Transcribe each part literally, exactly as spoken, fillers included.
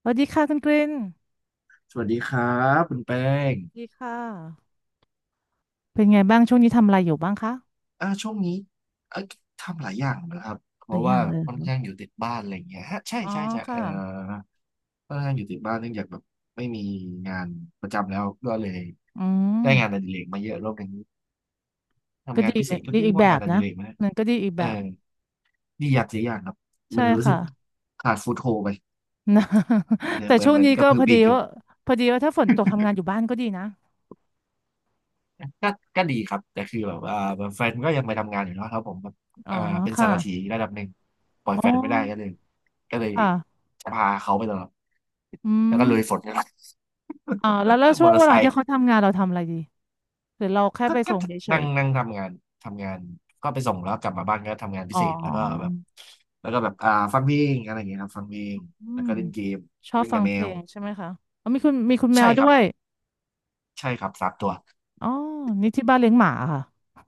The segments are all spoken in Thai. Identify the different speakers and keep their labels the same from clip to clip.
Speaker 1: สวัสดีค่ะคุณกริน
Speaker 2: สวัสดีครับคุณแป้
Speaker 1: ส
Speaker 2: ง
Speaker 1: วัสดีค่ะ เป็นไงบ้างช่วงนี้ทำอะไรอยู่บ้างคะ
Speaker 2: อ่าช่วงนี้เอ่อทำหลายอย่างนะครับเพ
Speaker 1: หรื
Speaker 2: ราะ
Speaker 1: อยั
Speaker 2: ว่า
Speaker 1: งเลย
Speaker 2: ค่อน
Speaker 1: คะ
Speaker 2: ข้างอยู่ติดบ้านอะไรอย่างเงี้ยฮะใช่
Speaker 1: อ๋อ
Speaker 2: ใช่ใช่เอ่อ
Speaker 1: ค่ะ
Speaker 2: ค่อนข้างอยู่ติดบ้านเนื่องจากแบบไม่มีงานประจำแล้วก็เลย
Speaker 1: อืม
Speaker 2: ได้งานอดิเรกมาเยอะรอบหนึง
Speaker 1: ก็
Speaker 2: ทำงาน
Speaker 1: ดี
Speaker 2: พิ
Speaker 1: เห
Speaker 2: เศ
Speaker 1: มือ
Speaker 2: ษ
Speaker 1: น
Speaker 2: ก็
Speaker 1: ดี
Speaker 2: เรีย
Speaker 1: อี
Speaker 2: ก
Speaker 1: ก
Speaker 2: ว่า
Speaker 1: แบ
Speaker 2: งาน
Speaker 1: บ
Speaker 2: อ
Speaker 1: นะ
Speaker 2: ดิเรกไหม
Speaker 1: มันก็ดีอีก
Speaker 2: เอ
Speaker 1: แบ
Speaker 2: อ
Speaker 1: บ
Speaker 2: ดีอย่างเสียอย่างครับมั
Speaker 1: ใช่
Speaker 2: นรู้สึ
Speaker 1: ค่ะ
Speaker 2: กขาดฟุตโฮไป
Speaker 1: นะ
Speaker 2: เอ อ
Speaker 1: แต่
Speaker 2: เหมือ
Speaker 1: ช่
Speaker 2: น
Speaker 1: วง
Speaker 2: เหมือน
Speaker 1: นี้
Speaker 2: ก
Speaker 1: ก็
Speaker 2: ระพื
Speaker 1: พ
Speaker 2: อ
Speaker 1: อ
Speaker 2: ปี
Speaker 1: ดี
Speaker 2: กอยู่
Speaker 1: ว่าพอดีว่าถ้าฝนตกทำงานอยู่บ้านก็ดีนะ
Speaker 2: ก็ก็ดีครับแต่คือแบบว่าแฟนก็ยังไปทำงานอยู่เนาะแล้วผมแบบ
Speaker 1: อ๋อ
Speaker 2: เอ่อเป็นสา
Speaker 1: ค่ะ
Speaker 2: รถีระดับหนึ่งปล่อย
Speaker 1: อ๋อ
Speaker 2: แฟนไม่ได้ก็เลยก็เลย
Speaker 1: ค่ะ
Speaker 2: พาเขาไปตลอด
Speaker 1: อื
Speaker 2: แล้ว
Speaker 1: ม
Speaker 2: ก็ลุยฝนกัน
Speaker 1: อ๋อแล้วแล้ว
Speaker 2: ม
Speaker 1: ช่
Speaker 2: อ
Speaker 1: วง
Speaker 2: เตอ
Speaker 1: เว
Speaker 2: ร์ไซ
Speaker 1: ลาที่
Speaker 2: ค์
Speaker 1: เขาทำงานเราทำอะไรดีหรือเราแค่
Speaker 2: ก็
Speaker 1: ไป
Speaker 2: ก็
Speaker 1: ส่งเฉ
Speaker 2: นั่
Speaker 1: ย
Speaker 2: งนั่งทำงานทำงานก็ไปส่งแล้วกลับมาบ้านก็ทำงาน
Speaker 1: ๆ
Speaker 2: พิ
Speaker 1: อ๋
Speaker 2: เศ
Speaker 1: อ
Speaker 2: ษแล้วก็แบบแล้วก็แบบอ่าฟังเพลงอะไรอย่างเงี้ยครับฟังเพลง
Speaker 1: อื
Speaker 2: แล้ว
Speaker 1: ม
Speaker 2: ก็เล่นเกม
Speaker 1: ชอบ
Speaker 2: เล่น
Speaker 1: ฟั
Speaker 2: กั
Speaker 1: ง
Speaker 2: บแม
Speaker 1: เพล
Speaker 2: ว
Speaker 1: งใช่ไหมคะอ๋อมีคุณมีคุณแม
Speaker 2: ใช่
Speaker 1: ว
Speaker 2: ค
Speaker 1: ด้
Speaker 2: รับ
Speaker 1: วย
Speaker 2: ใช่ครับสามตัว
Speaker 1: อ๋อนี่ที่บ้านเลี้ยงหมาค่ะ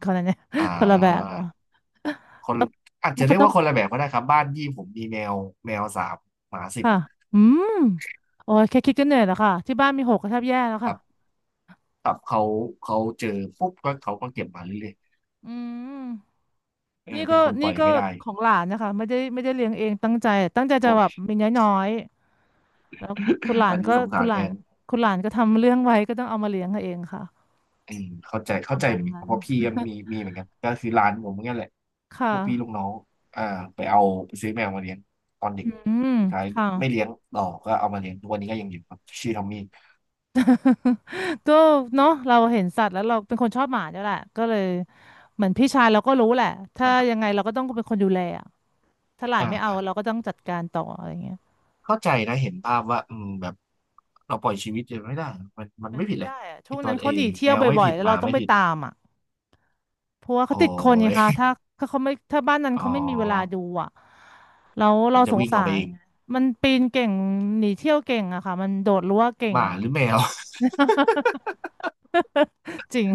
Speaker 1: คนละเนี่ย
Speaker 2: อ่
Speaker 1: คนละแบบเนาะ
Speaker 2: า คน
Speaker 1: แล้ว
Speaker 2: อาจ
Speaker 1: แล้ว
Speaker 2: จะเรี
Speaker 1: เขา
Speaker 2: ยก
Speaker 1: ต้อง
Speaker 2: ว่าคนละแบบก็ได้ครับบ้านยี่ผมมีแมวแมวสามหมาสิบ
Speaker 1: ค่ะอืมโอ้ยแค่คิดก็เหนื่อยแล้วค่ะที่บ้านมีหกก็แทบแย่แล้ว
Speaker 2: ค
Speaker 1: ค่ะ
Speaker 2: รับตับเขาเขาเจอปุ๊บก็เขาก็เก็บมาเรื่อย
Speaker 1: อืม
Speaker 2: ๆเอ
Speaker 1: นี่
Speaker 2: อเป็
Speaker 1: ก็
Speaker 2: นคนป
Speaker 1: นี่
Speaker 2: ล่อย
Speaker 1: ก็
Speaker 2: ไม่ได้
Speaker 1: ของหลานนะคะไม่ได้ไม่ได้เลี้ยงเองตั้งใจตั้งใจ
Speaker 2: โอ้
Speaker 1: จะแบ
Speaker 2: ย
Speaker 1: บมีน้อยๆแล้วคุณหลา
Speaker 2: อั
Speaker 1: น
Speaker 2: นนี้
Speaker 1: ก็
Speaker 2: สง
Speaker 1: คุ
Speaker 2: สาร
Speaker 1: ณห
Speaker 2: แท
Speaker 1: ลาน
Speaker 2: น
Speaker 1: คุณหลานก็ทำเรื่องไว้ก็ต้องเอามาเลี้ยงเองค่ะ
Speaker 2: อืมเข้าใจ
Speaker 1: ป
Speaker 2: เข้า
Speaker 1: ระ
Speaker 2: ใจ
Speaker 1: มา
Speaker 2: เห
Speaker 1: ณ
Speaker 2: มือนกันค
Speaker 1: นั้
Speaker 2: รับ
Speaker 1: น
Speaker 2: เพราะพี่ก็มีมีเหมือนกันก็คือร้านผมเหมือนกันแหละ
Speaker 1: ค่
Speaker 2: พวกพี่ลูก
Speaker 1: ะ
Speaker 2: น้องอ่าไปเอาไปซื้อแมวมาเลี้ยงตอนเด็ก
Speaker 1: อืม
Speaker 2: สุดท้าย
Speaker 1: ค่ะ
Speaker 2: ไม่เลี้ยงต่อก็เอามาเลี้ยงทุกวันนี้ก็ยังอยู่ครับชื่อทอมมี่
Speaker 1: ก็เนาะเราเห็นสัตว์แล้วเราเป็นคนชอบหมาเนี่ยแหละก็เลยเหมือนพี่ชายเราก็รู้แหละถ้า
Speaker 2: ใช่ครับ
Speaker 1: ยังไงเราก็ต้องเป็นคนดูแลอะถ้าหลานไม่เอา
Speaker 2: อ่า
Speaker 1: เราก็ต้องจัดการต่ออะไรเงี้ย
Speaker 2: เข้าใจนะเห็นภาพว่าอืมแบบเราปล่อยชีวิตยังไม่ได้มันมัน
Speaker 1: มัน
Speaker 2: ไม่ผิ
Speaker 1: ไม่
Speaker 2: ดเลย
Speaker 1: ได้อะ
Speaker 2: ไอ
Speaker 1: ช่วง
Speaker 2: ตั
Speaker 1: นั้
Speaker 2: ว
Speaker 1: น
Speaker 2: เอ
Speaker 1: เขาห
Speaker 2: ง
Speaker 1: นีเที่
Speaker 2: แม
Speaker 1: ยว
Speaker 2: วไม่
Speaker 1: บ่อย
Speaker 2: ผิด
Speaker 1: ๆแล้ว
Speaker 2: ห
Speaker 1: เรา
Speaker 2: มา
Speaker 1: ต้อง
Speaker 2: ไม่
Speaker 1: ไป
Speaker 2: ผิด
Speaker 1: ตามอ่ะเพราะว่าเขา
Speaker 2: โอ้
Speaker 1: ติดคนไงคะ
Speaker 2: ย
Speaker 1: ถ้าถ้าเขาไม่ถ้าบ้านนั้น
Speaker 2: อ๋อ
Speaker 1: เขาไม่มีเวลาดูอ่ะแล้ว
Speaker 2: มั
Speaker 1: เรา
Speaker 2: นจะ
Speaker 1: สง
Speaker 2: วิ่งอ
Speaker 1: สา
Speaker 2: อกไป
Speaker 1: ร
Speaker 2: เอง
Speaker 1: มันปีนเก่งหนีเที่ยวเก่งอะค่ะมันโดดรั้วเก่
Speaker 2: ห
Speaker 1: ง
Speaker 2: มาหรือแมว
Speaker 1: จริง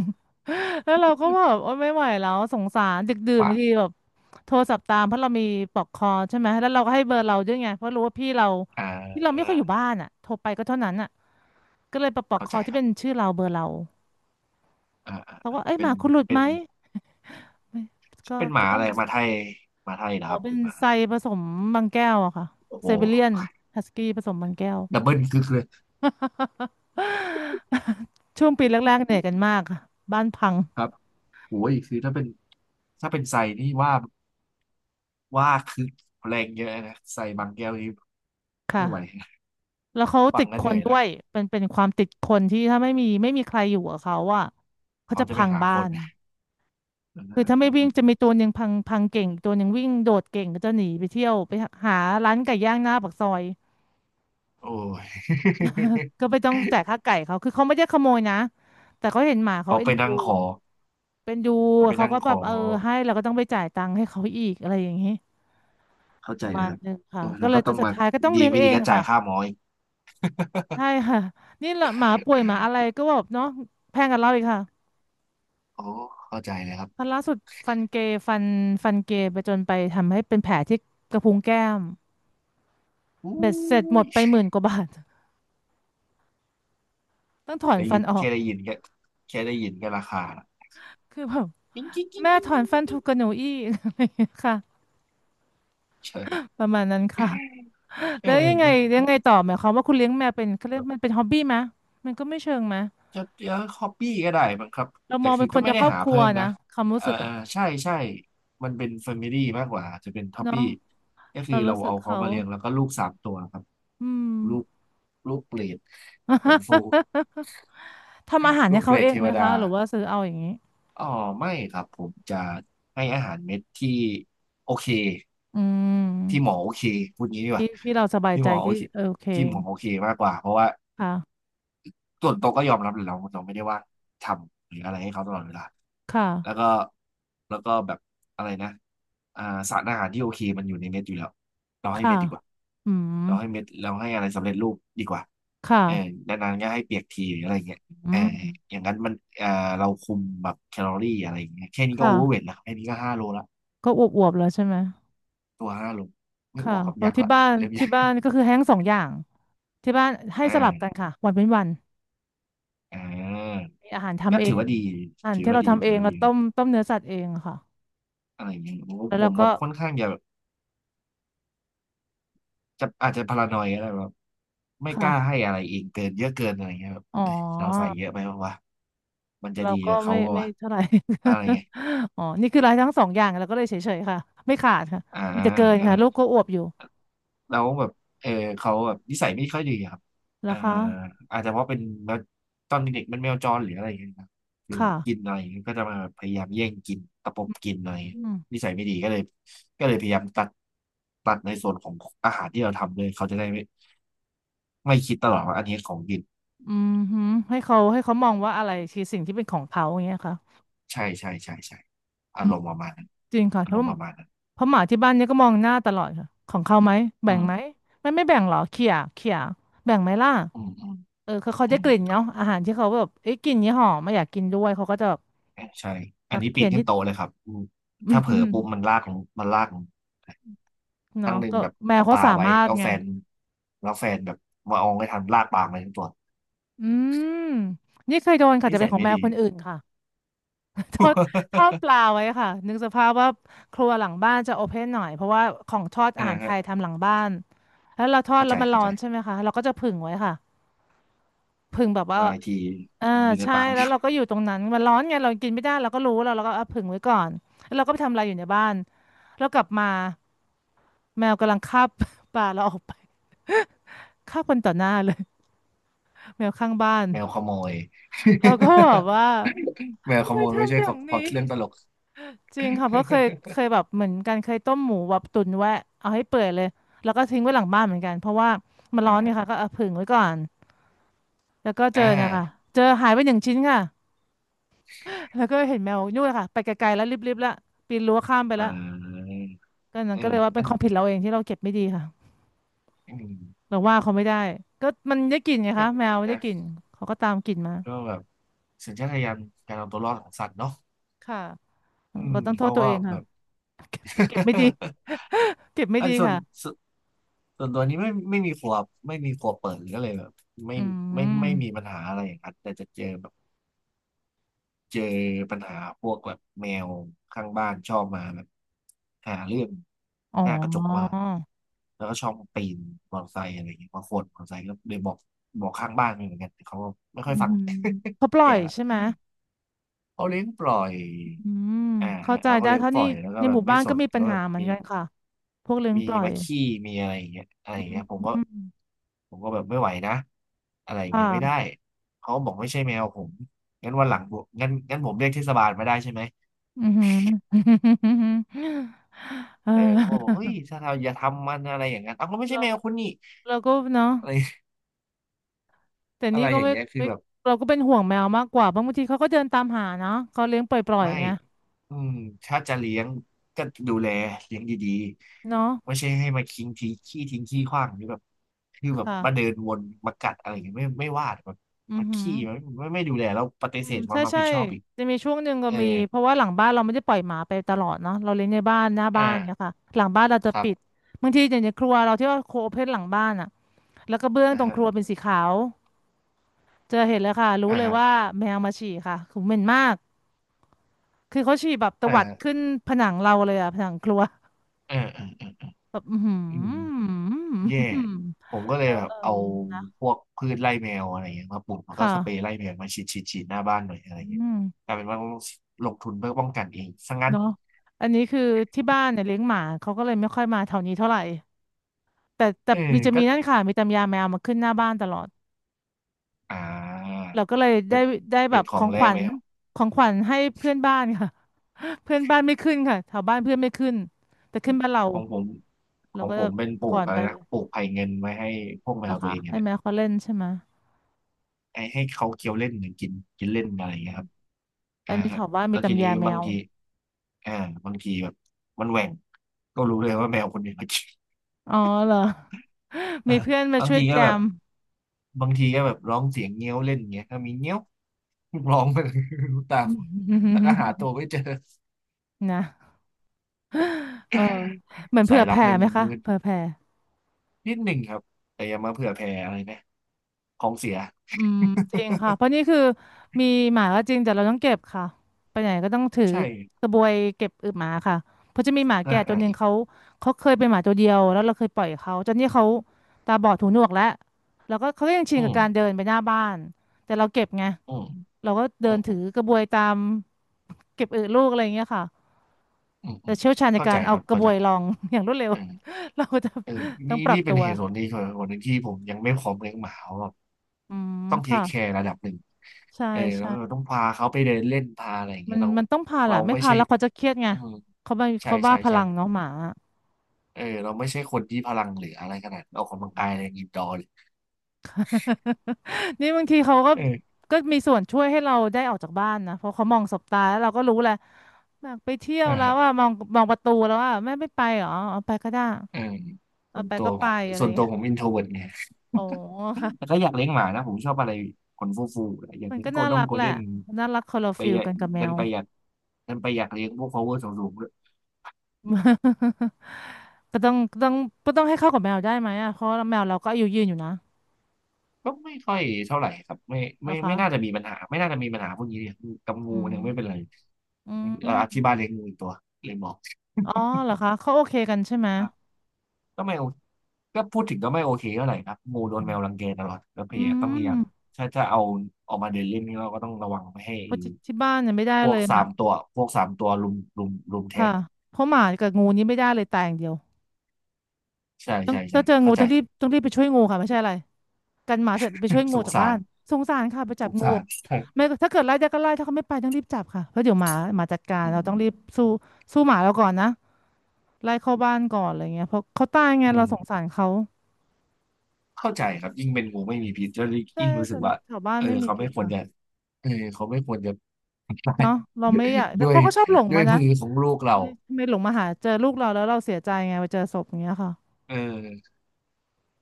Speaker 1: แล้วเราก็ว่าแบบโอ๊ยไม่ไหวแล้วสงสารดึกดื่
Speaker 2: ห
Speaker 1: น
Speaker 2: มา
Speaker 1: บางทีแบบโทรศัพท์ตามเพราะเรามีปลอกคอใช่ไหมแล้วเราก็ให้เบอร์เราด้วยไงเพราะรู้ว่าพี่เราพี่
Speaker 2: อ่า
Speaker 1: เราไม่ค่อยอยู่บ้านอ่ะโทรไปก็เท่านั้นอ่ะก็เลยไปปลอก
Speaker 2: เข้า
Speaker 1: ค
Speaker 2: ใจ
Speaker 1: อที่
Speaker 2: ครั
Speaker 1: เป็
Speaker 2: บ
Speaker 1: นชื่อเราเบอร์เรา
Speaker 2: อ่าอ่า
Speaker 1: เขา
Speaker 2: อ่า
Speaker 1: ว่าเอ้ยห
Speaker 2: เป็น
Speaker 1: มาคุณหลุด
Speaker 2: เป็
Speaker 1: ไหม
Speaker 2: น
Speaker 1: ไม่ก็
Speaker 2: เป็นห
Speaker 1: ก็
Speaker 2: มา
Speaker 1: ต้อ
Speaker 2: อะ
Speaker 1: ง
Speaker 2: ไรหมาไทยหมาไทย
Speaker 1: ข
Speaker 2: นะ
Speaker 1: อ
Speaker 2: ครับ
Speaker 1: เป็
Speaker 2: หรื
Speaker 1: น
Speaker 2: อหมา
Speaker 1: ไซผสมบางแก้วอะค่ะ
Speaker 2: โอ้โห
Speaker 1: ไซบีเรียนฮัสกี้ผสมบางแก้ว
Speaker 2: ดับเบิลคึกเลย
Speaker 1: ช่วงปีแรกๆเหนื่อยกันมากค่ะบ้านพัง
Speaker 2: ครับโอ้ยคือถ้าเป็นถ้าเป็นไซนี่ว่าว่าคึกแรงเยอะนะไซบางแก้วนี่ไม่ไหว
Speaker 1: ค่ะ แล้วเขา
Speaker 2: ฟั
Speaker 1: ติ
Speaker 2: ง
Speaker 1: ด
Speaker 2: ก็
Speaker 1: ค
Speaker 2: เห
Speaker 1: น
Speaker 2: นื่อย
Speaker 1: ด้
Speaker 2: ละ
Speaker 1: วยเป็นเป็นความติดคนที่ถ้าไม่มีไม่มีใครอยู่กับเขาอ่ะเขา
Speaker 2: เขา
Speaker 1: จะ
Speaker 2: จะไป
Speaker 1: พัง
Speaker 2: หา
Speaker 1: บ้า
Speaker 2: คน
Speaker 1: นคือถ้าไม่วิ่งจะ มีตัวหนึ่งพังพังเก่งอีกตัวหนึ่งวิ่งโดดเก่งก็จะหนีไปเที่ยวไปหาร้านไก่ย่างหน้าปากซอย
Speaker 2: โอ้ย
Speaker 1: ก็ไปต้องจ่ายค่าไก่เขาคือเขาไม่ได้ขโมยนะแต่เขาเห็นหมา เขา
Speaker 2: เขา
Speaker 1: เอ็
Speaker 2: ไป
Speaker 1: นดู
Speaker 2: นั่งขอ
Speaker 1: เป็นดู
Speaker 2: เขาไป
Speaker 1: เขา
Speaker 2: นั่ง
Speaker 1: ก็
Speaker 2: ข
Speaker 1: แบบ
Speaker 2: อ
Speaker 1: เออให้เราก็ต้องไปจ่ายตังค์ให้เขาอีกอะไรอย่างนี้
Speaker 2: เข้า
Speaker 1: ป
Speaker 2: ใจ
Speaker 1: ระ
Speaker 2: เล
Speaker 1: มา
Speaker 2: ย
Speaker 1: ณ
Speaker 2: ครับ
Speaker 1: หนึ่งค่ะ
Speaker 2: โอ้ย
Speaker 1: ก็
Speaker 2: แล้ว
Speaker 1: เล
Speaker 2: ก็
Speaker 1: ยจะ
Speaker 2: ต้อง
Speaker 1: สุด
Speaker 2: มา
Speaker 1: ท้ายก็ต้อง
Speaker 2: ดี
Speaker 1: เลี้ยง
Speaker 2: ไม่
Speaker 1: เอ
Speaker 2: ดี
Speaker 1: ง
Speaker 2: ก็จ่าย
Speaker 1: ค่ะ
Speaker 2: ค่าหมออีก
Speaker 1: ใช่ค่ะนี่แหละหมาป่วยหมาอะไรก็แบบเนาะแพงกับเราอีกค่ะ
Speaker 2: โอ้เข้าใจเลยครับ
Speaker 1: ตอนล่าสุดฟันเกย์ฟันฟันเกย์ไปจนไปทำให้เป็นแผลที่กระพุ้งแก้ม
Speaker 2: อ้
Speaker 1: เบ็ดเสร็จหมดไป
Speaker 2: ย
Speaker 1: หมื่นกว่าบาท ต้องถอน
Speaker 2: ได้
Speaker 1: ฟั
Speaker 2: ยิ
Speaker 1: น
Speaker 2: น
Speaker 1: ออก
Speaker 2: แค่ได้ยินก็แค่ได้ยินก็ราคาละ
Speaker 1: คือแบบ
Speaker 2: กิ้งกิ้งกิ้ง
Speaker 1: แม่
Speaker 2: กิ้ง
Speaker 1: ถอนฟันถู
Speaker 2: กิ้ง
Speaker 1: กกับหนูอีก อะไรอย่างเงี้ยค่ะ
Speaker 2: ใช่
Speaker 1: ประมาณนั้นค่ะ
Speaker 2: เอ
Speaker 1: แล้วยังไง
Speaker 2: อ
Speaker 1: ยังไงต่อหมายความว่าคุณเลี้ยงแมวเป็นเขาเรียกมันเป็นฮอบบี้ไหมมันก็ไม่เชิงไหม
Speaker 2: จะเรีอปปี้ก็ได้มั้งครับ
Speaker 1: เราม
Speaker 2: แต่
Speaker 1: อง
Speaker 2: คื
Speaker 1: เป็น
Speaker 2: อ
Speaker 1: ค
Speaker 2: ก็
Speaker 1: นใน
Speaker 2: ไม่ได้
Speaker 1: ครอบ
Speaker 2: หา
Speaker 1: ครัว
Speaker 2: เพิ่มนะ
Speaker 1: นะความรู้
Speaker 2: เออ
Speaker 1: สึก
Speaker 2: เอ
Speaker 1: อะ
Speaker 2: อใช่ใช่มันเป็น f ฟมิลี่มากกว่าจะเป็นฮอป
Speaker 1: เนาะ
Speaker 2: ปี้ก็คือ
Speaker 1: เรา
Speaker 2: เรา
Speaker 1: รู้สึก
Speaker 2: เอาเขา
Speaker 1: เขา
Speaker 2: มาเลี้ยงแล้วก็ลูกสามตัวครับ
Speaker 1: อืม
Speaker 2: ลูกลูกเปรตขนฟู
Speaker 1: ทำอาหาร
Speaker 2: ลู
Speaker 1: ให้
Speaker 2: กเป
Speaker 1: เขา
Speaker 2: ร
Speaker 1: เอ
Speaker 2: ต
Speaker 1: ง
Speaker 2: เท
Speaker 1: ไหม
Speaker 2: วดา
Speaker 1: คะหรือว่าซื้อเอาอย่างนี้
Speaker 2: อ๋อไม่ครับผมจะให้อาหารเม็ดที่โอเค
Speaker 1: อืม
Speaker 2: ที่หมอโอเคพูดงี้ดีก
Speaker 1: ที่
Speaker 2: ว่า
Speaker 1: ที่เราสบาย
Speaker 2: ที่
Speaker 1: ใจ
Speaker 2: หมอโอ
Speaker 1: ที่
Speaker 2: เค
Speaker 1: เออโอเค
Speaker 2: ที่หมอโอเคมากกว่าเพราะว่า
Speaker 1: ค่ะ
Speaker 2: ส่วนตัวก็ยอมรับเลยเราเราไม่ได้ว่าทำหรืออะไรให้เขาตลอดเวลา
Speaker 1: ค่ะ
Speaker 2: แล้วก็แล้วก็แบบอะไรนะอ่าสารอาหารที่โอเคมันอยู่ในเม็ดอยู่แล้วเราให้
Speaker 1: ค่ะ
Speaker 2: เม็ดดีกว่า
Speaker 1: อืม
Speaker 2: เราให้เม็ดเราให้อะไรสำเร็จรูปดีกว่า
Speaker 1: ค่ะ
Speaker 2: เออนานๆก็ให้เปียกทีหรืออะไรเงี้ยเอ
Speaker 1: อื
Speaker 2: อ
Speaker 1: ม
Speaker 2: อย่างนั้นมันเออเราคุมแบบแคลอรี่อะไรอย่างเงี้ยแค่นี้ก็โอเวอร์เว
Speaker 1: ค่ะ
Speaker 2: ทละแค่นี้ก็ห้าโลละ
Speaker 1: ก็อวบๆแล้วใช่ไหม
Speaker 2: ตัวห้าโลไม่
Speaker 1: ค่ะ
Speaker 2: อ้วกกับ
Speaker 1: เพ
Speaker 2: ยั
Speaker 1: ราะ
Speaker 2: กษ์
Speaker 1: ที่
Speaker 2: ละ
Speaker 1: บ้าน
Speaker 2: เริ่ม
Speaker 1: ที่
Speaker 2: ยัก
Speaker 1: บ้าน
Speaker 2: ษ์
Speaker 1: ก็คือแห้งสองอย่างที่บ้านให้สลับกัน
Speaker 2: อ่า
Speaker 1: ค่ะวันเป็นวัน
Speaker 2: อ่า
Speaker 1: มีอาหาร
Speaker 2: ก็
Speaker 1: ทำเอ
Speaker 2: ถือ
Speaker 1: ง
Speaker 2: ว่าดี
Speaker 1: อาหาร
Speaker 2: ถือ
Speaker 1: ที่
Speaker 2: ว่า
Speaker 1: เรา
Speaker 2: ดี
Speaker 1: ทำ
Speaker 2: ถื
Speaker 1: เอ
Speaker 2: อ
Speaker 1: ง
Speaker 2: ว่า
Speaker 1: เรา
Speaker 2: ดี
Speaker 1: ต้
Speaker 2: นะ
Speaker 1: มต้มเนื้อสัตว์เองค่ะ
Speaker 2: อะไรอย่างเงี้ยผม
Speaker 1: แล้ว
Speaker 2: ผ
Speaker 1: เรา
Speaker 2: มแบ
Speaker 1: ก็
Speaker 2: บค่อนข้างจะ จะอาจจะพารานอยก็ได้แบบไม่กล้า
Speaker 1: ค่ะ
Speaker 2: ให้อะไรเองเกินเยอะเกินอะไรเงี้ยแบบ
Speaker 1: อ๋อ
Speaker 2: เอ้ยเราใส่เยอะไปปะวะมันจะ
Speaker 1: เรา
Speaker 2: ดี
Speaker 1: ก็
Speaker 2: กับเขา
Speaker 1: ไม่
Speaker 2: ปะ
Speaker 1: ไม่
Speaker 2: วะ
Speaker 1: เท่าไหร่
Speaker 2: อะไรเงี้ย
Speaker 1: อ๋อนี่คือรายทั้งสองอย่างเราก็เลยเฉยๆค่ะไม่ขาดค่ะ
Speaker 2: อ่า
Speaker 1: มีแต่เกิน
Speaker 2: อ่า
Speaker 1: ค่ะลูกก็อวบอยู่
Speaker 2: เราแบบเออเขาแบบนิสัยไม่ค่อยดีอะครับอ่า
Speaker 1: นะคะ
Speaker 2: อาจจะเพราะเป็นแมวตอนเด็กๆมันแมวจรหรืออะไรเงี้ยครับคือแบ
Speaker 1: ค่ะ
Speaker 2: บกินอะไรเงี้ยก็จะมาพยายามแย่งกินตะปบกินอะไรเงี้
Speaker 1: อื
Speaker 2: ย
Speaker 1: ม
Speaker 2: นิสัยไม่ดีก็เลยก็เลยพยายามตัดตัดในส่วนของอาหารที่เราทำเลยเขาจะได้ไม่ไม่คิดตลอดว่าอันนี้ของกิน
Speaker 1: อืมฮึให้เขาให้เขามองว่าอะไรคือสิ่งที่เป็นของเขาอย่างเงี้ยค่ะ
Speaker 2: ใช่ใช่ใช่ใช่อา
Speaker 1: อื
Speaker 2: ร
Speaker 1: ม
Speaker 2: มณ์ประมาณนั้น
Speaker 1: จริงค่ะ
Speaker 2: อา
Speaker 1: เพ
Speaker 2: ร
Speaker 1: ราะ
Speaker 2: มณ์ประมาณนั้น
Speaker 1: เพราะหมาที่บ้านเนี่ยก็มองหน้าตลอดค่ะของเขาไหม
Speaker 2: อื
Speaker 1: แบ่ง
Speaker 2: ม
Speaker 1: ไหมไม่ไม่แบ่งหรอเขี่ยเขี่ยแบ่งไหมล่ะ
Speaker 2: อืมอืม
Speaker 1: เออเขาเขา
Speaker 2: อื
Speaker 1: จะ
Speaker 2: ม
Speaker 1: กลิ่นเนาะอาหารที่เขาแบบเอ้ยกลิ่นนี้หอมไม่อยากกินด้วยเขาก็จะแบบ
Speaker 2: ใช่อั
Speaker 1: มา
Speaker 2: นนี้ปี
Speaker 1: เขี่
Speaker 2: น
Speaker 1: ย
Speaker 2: ขึ้
Speaker 1: นิ
Speaker 2: น
Speaker 1: ด
Speaker 2: โตะเลยครับอืม
Speaker 1: อื
Speaker 2: ถ้าเผลอ
Speaker 1: ม
Speaker 2: ปุ๊บมันลากของมันลากของ ค
Speaker 1: เนาะ
Speaker 2: รั้งหนึ่ง
Speaker 1: ก็
Speaker 2: แบบ
Speaker 1: แมว
Speaker 2: เอาป
Speaker 1: เขา
Speaker 2: ลา
Speaker 1: สา
Speaker 2: ไว้
Speaker 1: มารถ
Speaker 2: แล้ว
Speaker 1: ไง
Speaker 2: แฟนแล้วแฟนแบบมาอองไม่ทันลากปลามาทั้งตัว
Speaker 1: อืมนี่เคยโดนค่ะ
Speaker 2: นิ
Speaker 1: จะเป็น
Speaker 2: สัย
Speaker 1: ของ
Speaker 2: ไม่
Speaker 1: แมว
Speaker 2: ดี
Speaker 1: คนอื่นค่ะ ทอดทอด ปลาไว้ค่ะนึกสภาพว่าครัวหลังบ้านจะโอเพนหน่อยเพราะว่าของทอด
Speaker 2: เออ
Speaker 1: อาหารไท
Speaker 2: ฮะ
Speaker 1: ยทำหลังบ้านแล้วเราทอด
Speaker 2: เข้า
Speaker 1: แล้
Speaker 2: ใจ
Speaker 1: วมัน
Speaker 2: เข้า
Speaker 1: ร้อ
Speaker 2: ใจ
Speaker 1: นใช่ไหมคะเราก็จะผึ่งไว้ค่ะผึ่งแบบว่า
Speaker 2: มางที
Speaker 1: อ่า
Speaker 2: อยู่ใน
Speaker 1: ใช่
Speaker 2: ปากแม
Speaker 1: แล้ว
Speaker 2: ว
Speaker 1: เราก็อยู่ตรงนั้นมันร้อนไงเรากินไม่ได้เราก็รู้แล้วเราก็เอาผึ่งไว้ก่อนแล้วเราก็ไปทำอะไรอยู่ในบ้านแล้วกลับมาแมวกำลังคาบ ปลาเราออกไปคาบคนต่อหน้าเลยแมวข้างบ้าน
Speaker 2: แมวขโมย
Speaker 1: เราก็แบบว่า
Speaker 2: แมว
Speaker 1: ทำ
Speaker 2: ข
Speaker 1: ไม
Speaker 2: โมยไม่ใช่
Speaker 1: ทำอ
Speaker 2: ข
Speaker 1: ย่า
Speaker 2: อ
Speaker 1: ง
Speaker 2: งของ
Speaker 1: นี้
Speaker 2: เรื่องตลก
Speaker 1: จริงค่ะเพราะเคยเคยแบบเหมือนกันเคยต้มหมูแบบตุ๋นไว้เอาให้เปื่อยเลยแล้วก็ทิ้งไว้หลังบ้านเหมือนกันเพราะว่ามัน ร้
Speaker 2: อ่า
Speaker 1: อนเนี่ยค่ะก็เอาผึ่งไว้ก่อนแล้วก็เจอ
Speaker 2: อ่า
Speaker 1: เนะคะเจอหายไปหนึ่งชิ้นค่ะแล้วก็เห็นแมวนู่นเลยค่ะไปไกลๆแล้วรีบๆแล้วปีนรั้วข้ามไป
Speaker 2: อ่
Speaker 1: แล้ว
Speaker 2: า
Speaker 1: ก็นั้
Speaker 2: เอ
Speaker 1: น
Speaker 2: อ
Speaker 1: ก็เลยว่าเป็
Speaker 2: อั
Speaker 1: น
Speaker 2: น
Speaker 1: ความผิดเราเองที่เราเก็บไม่ดีค่ะ
Speaker 2: อืม
Speaker 1: เราว่าเขาไม่ได้ก็มันได้กลิ่นไง
Speaker 2: ก็
Speaker 1: คะแมวไม่ได้
Speaker 2: นะ
Speaker 1: กลิ่นเขาก็ตามกลิ่นมา
Speaker 2: ก็แบบสัญชาตญาณการเอาตัวรอดของสัตว์เนาะ
Speaker 1: ค่ะ
Speaker 2: อืม
Speaker 1: เราต้องโท
Speaker 2: เขา
Speaker 1: ษตัว
Speaker 2: ก็
Speaker 1: เอง
Speaker 2: แบ
Speaker 1: ค่ะ
Speaker 2: บ
Speaker 1: เก็บเก็บไม่ดี เก็บไม่
Speaker 2: อัน
Speaker 1: ดี
Speaker 2: ส่วน
Speaker 1: ค่ะ
Speaker 2: ส่วนส่วนตัวนี้ไม่ไม่มีครัวไม่มีครัวเปิดก็เลยแบบไม่
Speaker 1: อื
Speaker 2: ไม่
Speaker 1: ม
Speaker 2: ไม่มีปัญหาอะไรอย่างนั้นแต่จะเจอแบบเจอปัญหาพวกแบบแมวข้างบ้านชอบมาแบบหาเรื่อง
Speaker 1: อ๋อ
Speaker 2: หน้ากระจกว่านแล้วก็ชอบปีนมอเตอร์ไซค์อะไรอย่างเงี้ยมาขวนมอเตอร์ไซค์ก็เลยบอกบอกข้างบ้านไปเหมือนกันแต่เขาก็ไม่
Speaker 1: อื
Speaker 2: ค่อยฟัง
Speaker 1: มเขาป ล่อ
Speaker 2: แก่
Speaker 1: ย
Speaker 2: ละ
Speaker 1: ใช่ไหม
Speaker 2: เขาเลี้ยงปล่อย
Speaker 1: อืม
Speaker 2: อ่า
Speaker 1: เข้า
Speaker 2: ฮะ
Speaker 1: ใจ
Speaker 2: แล้วเขา
Speaker 1: ได้
Speaker 2: เลี้ยง
Speaker 1: เท่า
Speaker 2: ปล่
Speaker 1: นี้
Speaker 2: อยแล้วก็
Speaker 1: ใน
Speaker 2: แบ
Speaker 1: ห
Speaker 2: บ
Speaker 1: มู่
Speaker 2: ไม่
Speaker 1: บ้าน
Speaker 2: ส
Speaker 1: ก็
Speaker 2: น
Speaker 1: มีปั
Speaker 2: แล้
Speaker 1: ญ
Speaker 2: วแบ
Speaker 1: หา
Speaker 2: บ
Speaker 1: เหมือน
Speaker 2: มี
Speaker 1: กันค่ะพวกเลี้ยง
Speaker 2: มี
Speaker 1: ปล่อย
Speaker 2: มาขี้มีอะไรอย่างเงี้ยอะไร
Speaker 1: อื
Speaker 2: อย่างเงี้
Speaker 1: ม
Speaker 2: ยผมก็
Speaker 1: อืม
Speaker 2: ผมก็แบบไม่ไหวนะอะไรอย่าง
Speaker 1: ค่ะ
Speaker 2: เงี้ยไม่ได้เขาก็บอกไม่ใช่แมวผมงั้นวันหลังผมงั้นงั้นผมเรียกเทศบาลมาได้ใช่ไหม
Speaker 1: อือหือ เอ
Speaker 2: เออเขาก็บอก
Speaker 1: อ
Speaker 2: เฮ้ยถ้าเราอย่าทำมันอะไรอย่างนั้นเอาก็ไม่ใช่
Speaker 1: เรา
Speaker 2: แมวคุณนี่
Speaker 1: เราก็เนาะ
Speaker 2: อะไร
Speaker 1: แต่
Speaker 2: อะ
Speaker 1: นี่
Speaker 2: ไร
Speaker 1: ก็
Speaker 2: อย่าง
Speaker 1: ไม่
Speaker 2: เงี้ยคือ
Speaker 1: ไม่
Speaker 2: แบบ
Speaker 1: เราก็เป็นห่วงแมวมากกว่าบางทีเขาก็เดินตามหาเนาะเขาเลี้ยงปล่อย
Speaker 2: ไม่
Speaker 1: ๆไง
Speaker 2: อืมถ้าจะเลี้ยงก็ดูแลเลี้ยงดี
Speaker 1: เนาะ
Speaker 2: ๆไม่ใช่ให้มาทิ้งทีขี้ทิ้งขี้ขว้างหรือแบบคือ
Speaker 1: ค
Speaker 2: แบบมาเดิ
Speaker 1: ่ะ
Speaker 2: นวนมากัดอะไรอย่างเงี้ยไม่ไม่ว่าแต่แบบ
Speaker 1: อือ
Speaker 2: มา
Speaker 1: หือ
Speaker 2: ขี้ไมไม่ไม่ดูแลแล้วปฏิ
Speaker 1: อื
Speaker 2: เส
Speaker 1: ม
Speaker 2: ธควา
Speaker 1: ใช่
Speaker 2: มรับ
Speaker 1: ใช่
Speaker 2: ผิดชอบอีก
Speaker 1: จะมีช่วงหนึ่งก็
Speaker 2: เออ
Speaker 1: มีเพราะว่าหลังบ้านเราไม่ได้ปล่อยหมาไปตลอดเนาะเราเลี้ยงในบ้านหน้าบ้านเนี่ย
Speaker 2: อ่า
Speaker 1: ค่ะหลังบ้านเราจะ
Speaker 2: ครับ
Speaker 1: ปิดบางทีอย่างในครัวเราที่ว่าโคเพ่นหลังบ้านอ่ะ แล้วก็เบื้องต
Speaker 2: นะ
Speaker 1: รง
Speaker 2: ฮะ
Speaker 1: ครัวเป็นสีขาว เจอเห็นแล้วค่ะรู้
Speaker 2: อ่า
Speaker 1: เลย
Speaker 2: ฮะ
Speaker 1: ว่าแมวมาฉี่ค่ะคือเหม็นมากคือเขาฉี่แบบต
Speaker 2: อ่า
Speaker 1: วัด
Speaker 2: ฮะ
Speaker 1: ขึ้นผนังเราเลยอะผนังครัว
Speaker 2: เออเออเออ
Speaker 1: แบบอือหื
Speaker 2: อืม
Speaker 1: ออื
Speaker 2: แย่
Speaker 1: ้
Speaker 2: ผมก็เลย
Speaker 1: แล้ว
Speaker 2: แบบ
Speaker 1: เออ
Speaker 2: เอา
Speaker 1: นะ
Speaker 2: พวกพืชไล่แมวอะไรเงี้ยมาปลูกแล้วก็
Speaker 1: ค่ะ
Speaker 2: สเปรย์ไล่แมวมาฉีดฉีดฉีดหน้าบ้านหน่อยอะไรเงี้ย
Speaker 1: อืม
Speaker 2: กลายเป็นว่าต้องลงทุนเพื่อป้องกันเองซะงั้น
Speaker 1: เนาะอันนี้คือที่บ้านเนี่ยเลี้ยงหมาเขาก็เลยไม่ค่อยมาแถวนี้เท่าไหร่แต่แต่
Speaker 2: เออ
Speaker 1: มีจะ
Speaker 2: ก็
Speaker 1: มีนั่นค่ะมีตำยาแมวมาขึ้นหน้าบ้านตลอด
Speaker 2: อ่า
Speaker 1: เราก็เลย
Speaker 2: เป็
Speaker 1: ได้
Speaker 2: น
Speaker 1: ได้แบ
Speaker 2: เป็น
Speaker 1: บ
Speaker 2: ข
Speaker 1: ข
Speaker 2: อ
Speaker 1: อ
Speaker 2: ง
Speaker 1: งข
Speaker 2: แร่
Speaker 1: วั
Speaker 2: แม
Speaker 1: ญ
Speaker 2: ว
Speaker 1: ของขวัญให้เพื่อนบ้านค่ะ เพื่อนบ้านไม่ขึ้นค่ะแถวบ้านเพื่อนไม่ขึ้นแต่ขึ้นบ้านเรา
Speaker 2: ของผมข
Speaker 1: เรา
Speaker 2: อง
Speaker 1: ก็
Speaker 2: ผ
Speaker 1: จะ
Speaker 2: มเป็นป
Speaker 1: ถ
Speaker 2: ลู
Speaker 1: อ
Speaker 2: ก
Speaker 1: น
Speaker 2: อะ
Speaker 1: ไป
Speaker 2: ไรนะปลูกไผ่เงินไว้ให้พวกแม
Speaker 1: เหรอ
Speaker 2: วตัว
Speaker 1: คะ
Speaker 2: เองเนี่ย
Speaker 1: ให้
Speaker 2: แห
Speaker 1: แม
Speaker 2: ละ
Speaker 1: วเขาเล่นใช่ไหม
Speaker 2: ให้ให้เขาเคี้ยวเล่นหรือกินกินเล่นอะไรอ
Speaker 1: อื
Speaker 2: ย่างเงี้ย
Speaker 1: ม
Speaker 2: ครับ
Speaker 1: อั
Speaker 2: อ่า
Speaker 1: นนี้แถ
Speaker 2: ฮะ
Speaker 1: วบ้าน
Speaker 2: แล้
Speaker 1: มี
Speaker 2: วที
Speaker 1: ตำ
Speaker 2: นี้
Speaker 1: ยาแม
Speaker 2: บาง
Speaker 1: ว
Speaker 2: ทีอ่าบางทีแบบมันแหว่งก็รู้เลยว่าแมวคนนี้มากิน
Speaker 1: อ๋อเหรอ
Speaker 2: อ่า
Speaker 1: มีเพื่อนมา
Speaker 2: บาง
Speaker 1: ช่วย
Speaker 2: ที
Speaker 1: แจ
Speaker 2: ก็แบบ
Speaker 1: ม
Speaker 2: บางทีก็แบบร้องเสียงเงี้ยวเล่นอย่างเงี้ยถ้ามีเงี้ยวร้องไปเลย รู้ตามแล้วก็หา ตัวไม่เจอ
Speaker 1: นะเออเหมือน
Speaker 2: สา
Speaker 1: เผื่
Speaker 2: ย
Speaker 1: อ
Speaker 2: ลับ
Speaker 1: แผ่
Speaker 2: ใน
Speaker 1: ไหม
Speaker 2: มุม
Speaker 1: คะ
Speaker 2: มืด
Speaker 1: เผื่อแผ่
Speaker 2: นิดหนึ่งครับแต่อย่ามาเผื่อแผ่อะไรนะของเสีย
Speaker 1: อืมจริงค่ะเพราะนี่คือมีหมาก็จริงแต่เราต้องเก็บค่ะไปไหนก็ต้องถือ
Speaker 2: ใช่
Speaker 1: กระบวยเก็บอึหมาค่ะเพราะจะมีหมา
Speaker 2: อ่า
Speaker 1: แก่ตัว
Speaker 2: อ่า
Speaker 1: หนึ่ง
Speaker 2: อีก
Speaker 1: เขาเขาเคยเป็นหมาตัวเดียวแล้วเราเคยปล่อยเขาจนนี่เขาตาบอดหูหนวกแล้วแล้วก็เขาก็ยังชิ
Speaker 2: อื
Speaker 1: นกับ
Speaker 2: ม
Speaker 1: การเดินไปหน้าบ้านแต่เราเก็บไง
Speaker 2: อืม
Speaker 1: เราก็
Speaker 2: อื
Speaker 1: เดิน
Speaker 2: มอ
Speaker 1: ถือกระบวยตามเก็บอึลูกอะไรอย่างเงี้ยค่ะ
Speaker 2: ืม อื
Speaker 1: แต่
Speaker 2: ม
Speaker 1: เชี่ยวชาญใน
Speaker 2: เข้า
Speaker 1: กา
Speaker 2: ใจ
Speaker 1: ร
Speaker 2: ค
Speaker 1: เอา
Speaker 2: รับ
Speaker 1: กระ
Speaker 2: เข้า
Speaker 1: บ
Speaker 2: ใจ
Speaker 1: วยลอง อย่างรวดเร็ว
Speaker 2: เออ
Speaker 1: เราจะ
Speaker 2: เออ
Speaker 1: ต้อ
Speaker 2: นี่
Speaker 1: งปรับ
Speaker 2: นี่เป็น
Speaker 1: ตัว
Speaker 2: เหตุผลที่คนคนหนึ่งที่ผม ยังไม่พร้อมเลี้ยงหมาเพราะแบบ
Speaker 1: อืม
Speaker 2: ต้องเท
Speaker 1: ค่ะ
Speaker 2: คแคร์ระดับหนึ่ง
Speaker 1: ใช่
Speaker 2: เออแล้
Speaker 1: ใช่
Speaker 2: วเราต้องพาเขาไปเดินเล่น พาอะไรอย่าง
Speaker 1: มั
Speaker 2: เงี้ย
Speaker 1: น
Speaker 2: เรา
Speaker 1: มันต้องพาแหละ
Speaker 2: เรา
Speaker 1: ไม่
Speaker 2: ไม่
Speaker 1: พา
Speaker 2: ใช่
Speaker 1: แล้วเขาจะเครียดไง
Speaker 2: อืม
Speaker 1: เขาไป
Speaker 2: ใช่
Speaker 1: เขาบ้า
Speaker 2: ใช่
Speaker 1: พ
Speaker 2: ใช่
Speaker 1: ลังเนาะหมา
Speaker 2: เออเราไม่ใช่คนที่พลัง หรืออะไรขนาดออกกำลังกายอะไรอย่างนี้ดอร์เลย
Speaker 1: นี่บางทีเขาก็
Speaker 2: เออ
Speaker 1: ก็มีส่วนช่วยให้เราได้ออกจากบ้านนะเพราะเขามองสบตาแล้วเราก็รู้แหละอยากไปเที่ยว
Speaker 2: อ่า
Speaker 1: แล้ว
Speaker 2: ฮะ
Speaker 1: ว่ามองมองประตูแล้วว่าแม่ไม่ไปเหรอเอาไปก็ได้
Speaker 2: เออส่
Speaker 1: เอา
Speaker 2: วน
Speaker 1: ไป
Speaker 2: ตั
Speaker 1: ก็
Speaker 2: ว
Speaker 1: ไปอะไร
Speaker 2: ส่
Speaker 1: อ
Speaker 2: วน
Speaker 1: ย่าง
Speaker 2: ตัว
Speaker 1: เงี้
Speaker 2: ผ
Speaker 1: ย
Speaker 2: มอินโทรเวิร์ไง
Speaker 1: โอ้ค่ะ
Speaker 2: แต่ก็อยากเลี้ยงหมานะผมชอบอะไรขนฟูๆอ ยาก
Speaker 1: มัน
Speaker 2: เลี้ย
Speaker 1: ก็
Speaker 2: งโก
Speaker 1: น่า
Speaker 2: ลด้
Speaker 1: รั
Speaker 2: ง
Speaker 1: ก
Speaker 2: โก
Speaker 1: แห
Speaker 2: ล
Speaker 1: ละ
Speaker 2: เด้น
Speaker 1: น่ารักคนละ
Speaker 2: ไป
Speaker 1: ฟิล
Speaker 2: อยาก
Speaker 1: กันกับแม
Speaker 2: ดัน
Speaker 1: ว
Speaker 2: ไปอยากดันไปอยากเลี้ยงพวก power สูงๆด้วย
Speaker 1: ก็ต้องก็ต้องก็ต้องให้เข้ากับแมวได้ไหมอ่ะเพราะแมวเราก็อายุยืนอยู่นะ
Speaker 2: ก็ไม่ค่อยเท่าไหร่ครับไม่
Speaker 1: เหรอ
Speaker 2: ไม่ไม่น่าจะ
Speaker 1: คะ
Speaker 2: มีปัญหาไม่น่าจะมีปัญหาพวกนี้เนี่ยกับงู
Speaker 1: อื
Speaker 2: ยังไม่เป็นไร
Speaker 1: มอื
Speaker 2: เอ่อธิ
Speaker 1: ม
Speaker 2: บายเลี้ยงงูอีกตัวเลยบอก
Speaker 1: อ๋อเหรอคะเขาโอเคกันใช่ไหม
Speaker 2: อ่ะก็ไม่โอก็พูดถึงก็ไม่โอเคเท่าไหร่ครับงูโดน
Speaker 1: อื
Speaker 2: แม
Speaker 1: ม
Speaker 2: วรังแกตลอดแล้วพ
Speaker 1: อื
Speaker 2: ยายามต้องพยายาม
Speaker 1: ม
Speaker 2: ถ้าจะเอาออกมาเดินเล่นนี่เราก็ต้องระวังไม่ให้
Speaker 1: เพราะที่ที่บ้านเนี่ยไม่ได้
Speaker 2: พว
Speaker 1: เล
Speaker 2: ก
Speaker 1: ยห
Speaker 2: สา
Speaker 1: มา
Speaker 2: มตัวพวกสามตัวลุมลุมลุมแทะ
Speaker 1: ค่ะเพราะหมากับงูนี่ไม่ได้เลยตายอย่างเดียว
Speaker 2: ใช่
Speaker 1: ต้อง
Speaker 2: ใช่ใช่
Speaker 1: ถ้าเจองู
Speaker 2: เข้าใจ
Speaker 1: ต้องรีบต้องรีบไปช่วยงูค่ะไม่ใช่อะไรกันหมาเสร็จไปช่วย
Speaker 2: ส
Speaker 1: งู
Speaker 2: ง
Speaker 1: จาก
Speaker 2: สา
Speaker 1: บ้า
Speaker 2: ร
Speaker 1: นสงสารค่ะไปจั
Speaker 2: ส
Speaker 1: บ
Speaker 2: ง
Speaker 1: งู
Speaker 2: สาร ใช่
Speaker 1: ไม่ถ้าเกิดไล่ได้ก็ไล่ถ้าเขาไม่ไปต้องรีบจับค่ะเพราะเดี๋ยวหมาหมาจัดการ
Speaker 2: อื
Speaker 1: เราต้องรีบ
Speaker 2: ม
Speaker 1: สู้สู้หมาเราก่อนนะไล่เข้าบ้านก่อนอะไรเงี้ยเพราะเขาตายไง
Speaker 2: อื
Speaker 1: เรา
Speaker 2: ม
Speaker 1: สงสารเขา
Speaker 2: เข้าใจครับยิ่งเป็นงูไม่มีพิษแล้ว
Speaker 1: ใช่
Speaker 2: ยิ่งรู้สึ
Speaker 1: ส่
Speaker 2: ก
Speaker 1: วนให
Speaker 2: ว่า
Speaker 1: ญ่แถวบ้าน
Speaker 2: เออ
Speaker 1: ไม่มี
Speaker 2: เขา
Speaker 1: พิ
Speaker 2: ไม่
Speaker 1: ษ
Speaker 2: ควร
Speaker 1: ค่ะ
Speaker 2: จะเออเขาไม่ควรจะ ตาย
Speaker 1: เราไม่อยากแต่
Speaker 2: ด้วย
Speaker 1: เขาก็ชอบหลง
Speaker 2: ด้ว
Speaker 1: มา
Speaker 2: ย
Speaker 1: นะ
Speaker 2: มือของลูกเรา
Speaker 1: ไม่ไม่หลงมาหาเจอลูกเราแล้วเราเสียใจไงไปเจอศพอย่างเงี้ยค่ะ
Speaker 2: เออ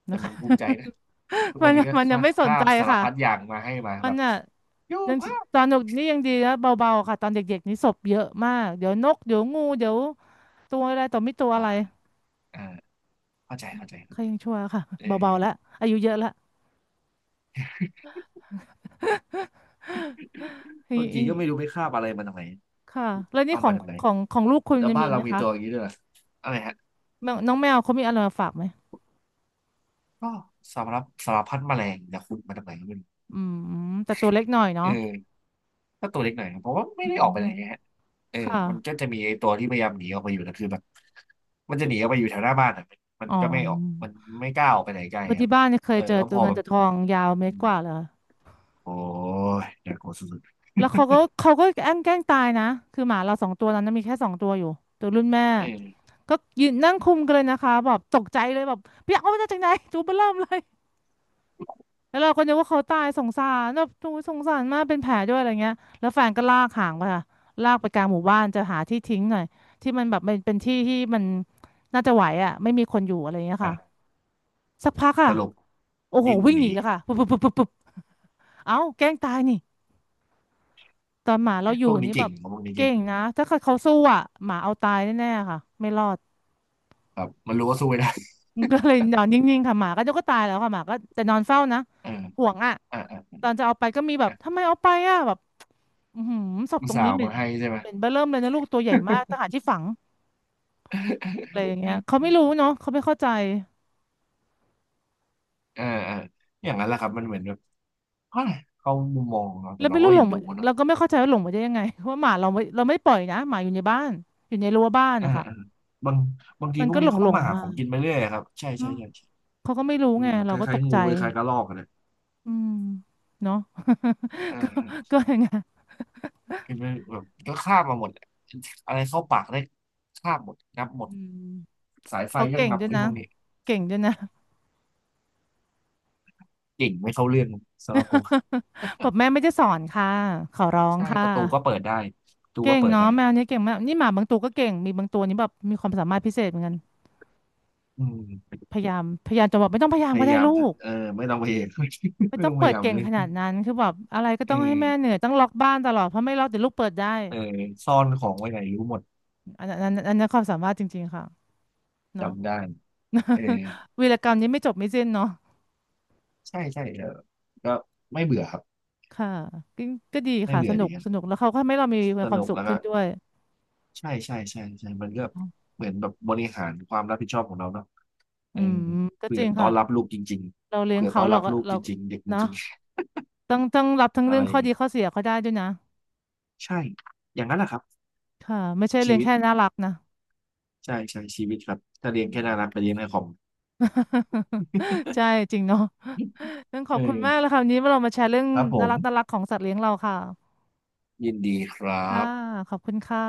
Speaker 2: แต่
Speaker 1: นะ
Speaker 2: มั
Speaker 1: คะ
Speaker 2: นภูมิใจนะทุก
Speaker 1: มั
Speaker 2: วั
Speaker 1: น
Speaker 2: นนี้ก็
Speaker 1: มัน
Speaker 2: ค
Speaker 1: ยัง
Speaker 2: ลา
Speaker 1: ไม่สน
Speaker 2: คา
Speaker 1: ใจ
Speaker 2: บสาร
Speaker 1: ค่ะ
Speaker 2: พัดอย่างมาให้มา
Speaker 1: มั
Speaker 2: แบ
Speaker 1: น
Speaker 2: บ
Speaker 1: อ่ะ
Speaker 2: ยู
Speaker 1: ยัง
Speaker 2: ภาพ
Speaker 1: ตอนเด็กนี่ยังดีนะเบาๆค่ะตอนเด็กๆนี่ศพเยอะมากเดี๋ยวนกเดี๋ยวงูเดี๋ยวตัวอะไรต่อมีตัว
Speaker 2: อ่า
Speaker 1: อะไร
Speaker 2: อ่าเข้าใจเข้าใจ
Speaker 1: ใค
Speaker 2: เข้า
Speaker 1: ร
Speaker 2: ใจ
Speaker 1: ยังชั่วค่ะ
Speaker 2: เออ
Speaker 1: เบาๆแล้วอายุเยอะแล้ว
Speaker 2: บางที้
Speaker 1: ย
Speaker 2: ก็ไม่รู้ไปคาบอะไรมาจากไหน
Speaker 1: ค่ะแล้วนี่
Speaker 2: เอา
Speaker 1: ขอ
Speaker 2: มา
Speaker 1: ง
Speaker 2: จากไหน
Speaker 1: ของของลูกคุณ
Speaker 2: แล้ว
Speaker 1: จะ
Speaker 2: บ้า
Speaker 1: มี
Speaker 2: น
Speaker 1: ไห
Speaker 2: เรา
Speaker 1: ม
Speaker 2: มี
Speaker 1: คะ
Speaker 2: ตัวอย่างนี้ด้วยเหรออะไรฮะ
Speaker 1: แมวน้องแมวเขามีอะไรมาฝากไหม
Speaker 2: ก็สารพัดสารพัดแมลงจากคุณมาจากไหนก็ไม่รู้
Speaker 1: อืมแต่ตัวเล็กหน่อย
Speaker 2: เอ
Speaker 1: เนาะ
Speaker 2: อ ถ้าตัวเล็กหน่อยนะเพราะว่าไม่
Speaker 1: อื
Speaker 2: ได้ออกไปไหนไง
Speaker 1: ม
Speaker 2: ฮะเออ
Speaker 1: ค่ะ
Speaker 2: มันก็จะมีไอ้ตัวที่พยายามหนีออกไปอยู่แต่คือแบบมันจะหนีออกไปอยู่แถวหน้าบ้านอ่ะมัน
Speaker 1: อ๋อ
Speaker 2: มันก็ไม่ออกมันไม่กล้าออกไปไหนไกล
Speaker 1: เพอ
Speaker 2: ครั
Speaker 1: ที่
Speaker 2: บ
Speaker 1: บ้านเนี่ยเค
Speaker 2: เอ
Speaker 1: ย
Speaker 2: อ
Speaker 1: เจอ
Speaker 2: แล้วพ
Speaker 1: ตัว
Speaker 2: อ
Speaker 1: เงิน
Speaker 2: แบบ
Speaker 1: ตัวทองยาวเม
Speaker 2: อื
Speaker 1: ตร
Speaker 2: ม
Speaker 1: กว่าเลย
Speaker 2: โอ้ยอากลัวสุด
Speaker 1: แล้วเขาก็เขาก็แกล้งแกล้งตายนะคือหมาเราสองตัวนั้นนะมีแค่สองตัวอยู่ตัวรุ่นแม่
Speaker 2: ๆเออ
Speaker 1: ก็ยืนนั่งคุมกันเลยนะคะแบบตกใจเลยแบบเปียกเอามาจากไหนตัวเบ้อเริ่มเลยแล้วเราก็นึกว่าเขาตายสงสารแบบโอ้ยสงสารมากเป็นแผลด้วยอะไรเงี้ยแล้วแฟนก็ลากหางไปค่ะลากไปกลางหมู่บ้านจะหาที่ทิ้งหน่อยที่มันแบบเป็นเป็นที่ที่มันน่าจะไหวอ่ะไม่มีคนอยู่อะไรเงี้ยค่ะ
Speaker 2: อ่ะ
Speaker 1: สักพัก
Speaker 2: ส
Speaker 1: ค่ะ
Speaker 2: รุป
Speaker 1: โอ้โห
Speaker 2: ดิ้น
Speaker 1: วิ่ง
Speaker 2: ห
Speaker 1: หนี
Speaker 2: นี
Speaker 1: แล้วค่ะปุ๊บปุ๊บปุ๊บปุ๊บปุ๊บเอ้าแกล้งตายนี่ ตอนหมาเราอ
Speaker 2: พ
Speaker 1: ยู่
Speaker 2: วกนี้
Speaker 1: นี่แบ
Speaker 2: เก่ง
Speaker 1: บ
Speaker 2: พวกนี้
Speaker 1: เก่
Speaker 2: เก่ง
Speaker 1: งนะถ้าเกิดเขาสู้อ่ะหมาเอาตายแน่ๆค่ะไม่รอด
Speaker 2: แบบมันรู้ว่าสู้ไม่ได้
Speaker 1: ก็เลยนอนนิ่งๆค่ะหมาก็เดก็ตายแล้วค่ะหมาก็แต่นอนเฝ้านะ
Speaker 2: เออ
Speaker 1: ห่วงอ่ะ
Speaker 2: อ่ะอ่ะ
Speaker 1: ตอนจะเอาไปก็มีแบบ
Speaker 2: อ่ะ
Speaker 1: ทำไมเอาไปอ่ะแบบอือหือศพ
Speaker 2: อุ
Speaker 1: ต
Speaker 2: ต
Speaker 1: รง
Speaker 2: ส่าห์
Speaker 1: นี้
Speaker 2: เอา
Speaker 1: เหม็
Speaker 2: มา
Speaker 1: น
Speaker 2: ให้ใช่ไหม
Speaker 1: เหม็นเบ้อเริ่มเลยนะลูกตัวใหญ่มากต้องหาที่ฝัง อะไรอย่างเงี้ยเขาไม่รู้เนาะเขาไม่เข้าใจ
Speaker 2: เออเอออย่างนั้นแหละครับมันเหมือนแบบเฮ้ยเขามุมมองของเรา
Speaker 1: แล้
Speaker 2: แต่
Speaker 1: ว
Speaker 2: เรา
Speaker 1: ไม่
Speaker 2: ก็
Speaker 1: รู้หล
Speaker 2: เอ็น
Speaker 1: ง
Speaker 2: ดู
Speaker 1: มา
Speaker 2: เนอะ
Speaker 1: เราก็ไม่เข้าใจว่าหลงมาได้ยังไง ว่าหมาเราไม่เราไม่ปล่อยนะหมาอยู่ในบ้านอยู่ในรั้วบ้าน
Speaker 2: อ่า
Speaker 1: นะคะ
Speaker 2: อ่าบางบางที
Speaker 1: มัน
Speaker 2: พวก
Speaker 1: ก็หล
Speaker 2: นี้
Speaker 1: งห
Speaker 2: เข้า
Speaker 1: ลง
Speaker 2: มาหา
Speaker 1: มา
Speaker 2: ของกินไปเรื่อยครับใช่ใช่
Speaker 1: เนาะ
Speaker 2: ใช่ใช่
Speaker 1: เขาก็ไม่รู้
Speaker 2: อื
Speaker 1: ไง
Speaker 2: มค
Speaker 1: เราก็
Speaker 2: ล้า
Speaker 1: ต
Speaker 2: ย
Speaker 1: ก
Speaker 2: ๆงู
Speaker 1: ใจ
Speaker 2: คล้ายๆกระรอกอะนะ
Speaker 1: อืมเนาะ
Speaker 2: อ่า
Speaker 1: ก็
Speaker 2: อ่า
Speaker 1: ก็อย่างเงี้ย
Speaker 2: กินไปแบบก็คาบมาหมดอะอะไรเข้าปากได้คาบหมดงับหมด
Speaker 1: อืม
Speaker 2: สายไฟ
Speaker 1: เขา
Speaker 2: ก็
Speaker 1: เก่ง
Speaker 2: งับ
Speaker 1: ด้วย
Speaker 2: ไอ้
Speaker 1: นะ
Speaker 2: พวกนี้
Speaker 1: เก่งด้วยนะ
Speaker 2: เก่งไม่เข้าเรื่องสำหรับผม
Speaker 1: บอกแม่ไม่ได้สอนค่ะขอร้อง
Speaker 2: ใช่
Speaker 1: ค่ะ
Speaker 2: ประตูก็เปิดได้ประตู
Speaker 1: เก่
Speaker 2: ก็
Speaker 1: ง
Speaker 2: เปิด
Speaker 1: เนาะ
Speaker 2: ได้
Speaker 1: แมวเนี้ยเก่งมากนี่หมาบางตัวก็เก่งมีบางตัวนี่แบบมีความสามารถพิเศษเหมือนกัน
Speaker 2: อืม
Speaker 1: พยายามพยายามจะบอกไม่ต้องพยายา
Speaker 2: พ
Speaker 1: มก็
Speaker 2: ยา
Speaker 1: ได้
Speaker 2: ยาม
Speaker 1: ลูก
Speaker 2: เออไม่ต้องพยายาม
Speaker 1: ไม่
Speaker 2: ไม่
Speaker 1: ต้อ
Speaker 2: ต้
Speaker 1: ง
Speaker 2: องพ
Speaker 1: เปิ
Speaker 2: ยา
Speaker 1: ด
Speaker 2: ยาม
Speaker 1: เก่
Speaker 2: เล
Speaker 1: ง
Speaker 2: ย
Speaker 1: ขนาดนั้นคือแบบอะไรก็
Speaker 2: เออ
Speaker 1: ต้องให้แม่เหนื่อยต้องล็อกบ้านตลอดเพราะไม่ล็อกเดี๋ยวลูกเปิดได้
Speaker 2: เออซ่อนของไว้ไหนรู้หมด
Speaker 1: อันนั้นอันนั้นอันนั้นความสามารถจริงๆค่ะเนาะ
Speaker 2: จำได้เออ
Speaker 1: วีรกรรมนี้ไม่จบไม่สิ้นเนาะ
Speaker 2: ใช่ใช่เออก็ไม่เบื่อครับ
Speaker 1: ค่ะก็ก็ดี
Speaker 2: ไม่
Speaker 1: ค่ะ
Speaker 2: เบื่
Speaker 1: ส
Speaker 2: อ
Speaker 1: นุ
Speaker 2: ดี
Speaker 1: ก
Speaker 2: ครั
Speaker 1: สนุ
Speaker 2: บ
Speaker 1: กแล้วเขาก็ทำให้เรามี
Speaker 2: ส
Speaker 1: ความ
Speaker 2: นุก
Speaker 1: สุข
Speaker 2: แล้ว
Speaker 1: ขึ้
Speaker 2: ก็
Speaker 1: นด้วย
Speaker 2: ใช่ใช่ใช่ใช่มันก็เหมือนแบบบริหารความรับผิดชอบของเราเนาะเอ
Speaker 1: อื
Speaker 2: อ
Speaker 1: มก็
Speaker 2: เผื่
Speaker 1: จ
Speaker 2: อ
Speaker 1: ริง
Speaker 2: ต้อ
Speaker 1: ค่ะ
Speaker 2: นรับลูกจริง
Speaker 1: เรา
Speaker 2: ๆ
Speaker 1: เลี้ยง
Speaker 2: เผื่อ
Speaker 1: เขา
Speaker 2: ต้อน
Speaker 1: เรา
Speaker 2: รับ
Speaker 1: ก็
Speaker 2: ลูก
Speaker 1: เรา
Speaker 2: จริงๆเด็กจ
Speaker 1: เนาะ
Speaker 2: ริง
Speaker 1: ต้องต้องรับทั้ง
Speaker 2: ๆอะ
Speaker 1: เรื่
Speaker 2: ไร
Speaker 1: อง
Speaker 2: อ
Speaker 1: ข้
Speaker 2: ย่า
Speaker 1: อ
Speaker 2: ง
Speaker 1: ดี
Speaker 2: งี้
Speaker 1: ข้อเสียเขาได้ด้วยนะ
Speaker 2: ใช่อย่างนั้นแหละครับ
Speaker 1: ค่ะไม่ใช่
Speaker 2: ชี
Speaker 1: เลี้ยง
Speaker 2: วิต
Speaker 1: แค่น่ารักนะ
Speaker 2: ใช่ใช่ชีวิตครับถ้าเลี้ ย
Speaker 1: อื
Speaker 2: งแค่
Speaker 1: ม
Speaker 2: น่ารักไปเลี้ยงในคอม
Speaker 1: ใช่จริงเนาะต้องขอ
Speaker 2: เอ
Speaker 1: บคุณมากเลย
Speaker 2: อ
Speaker 1: ค่ะวันนี้เรามาแชร์เรื่อง
Speaker 2: ครับผ
Speaker 1: น่า
Speaker 2: ม
Speaker 1: รักน่ารักของสัตว์เลี้ยงเราค่ะ
Speaker 2: ยินดีครั
Speaker 1: ค่ะ
Speaker 2: บ
Speaker 1: ขอบคุณค่ะ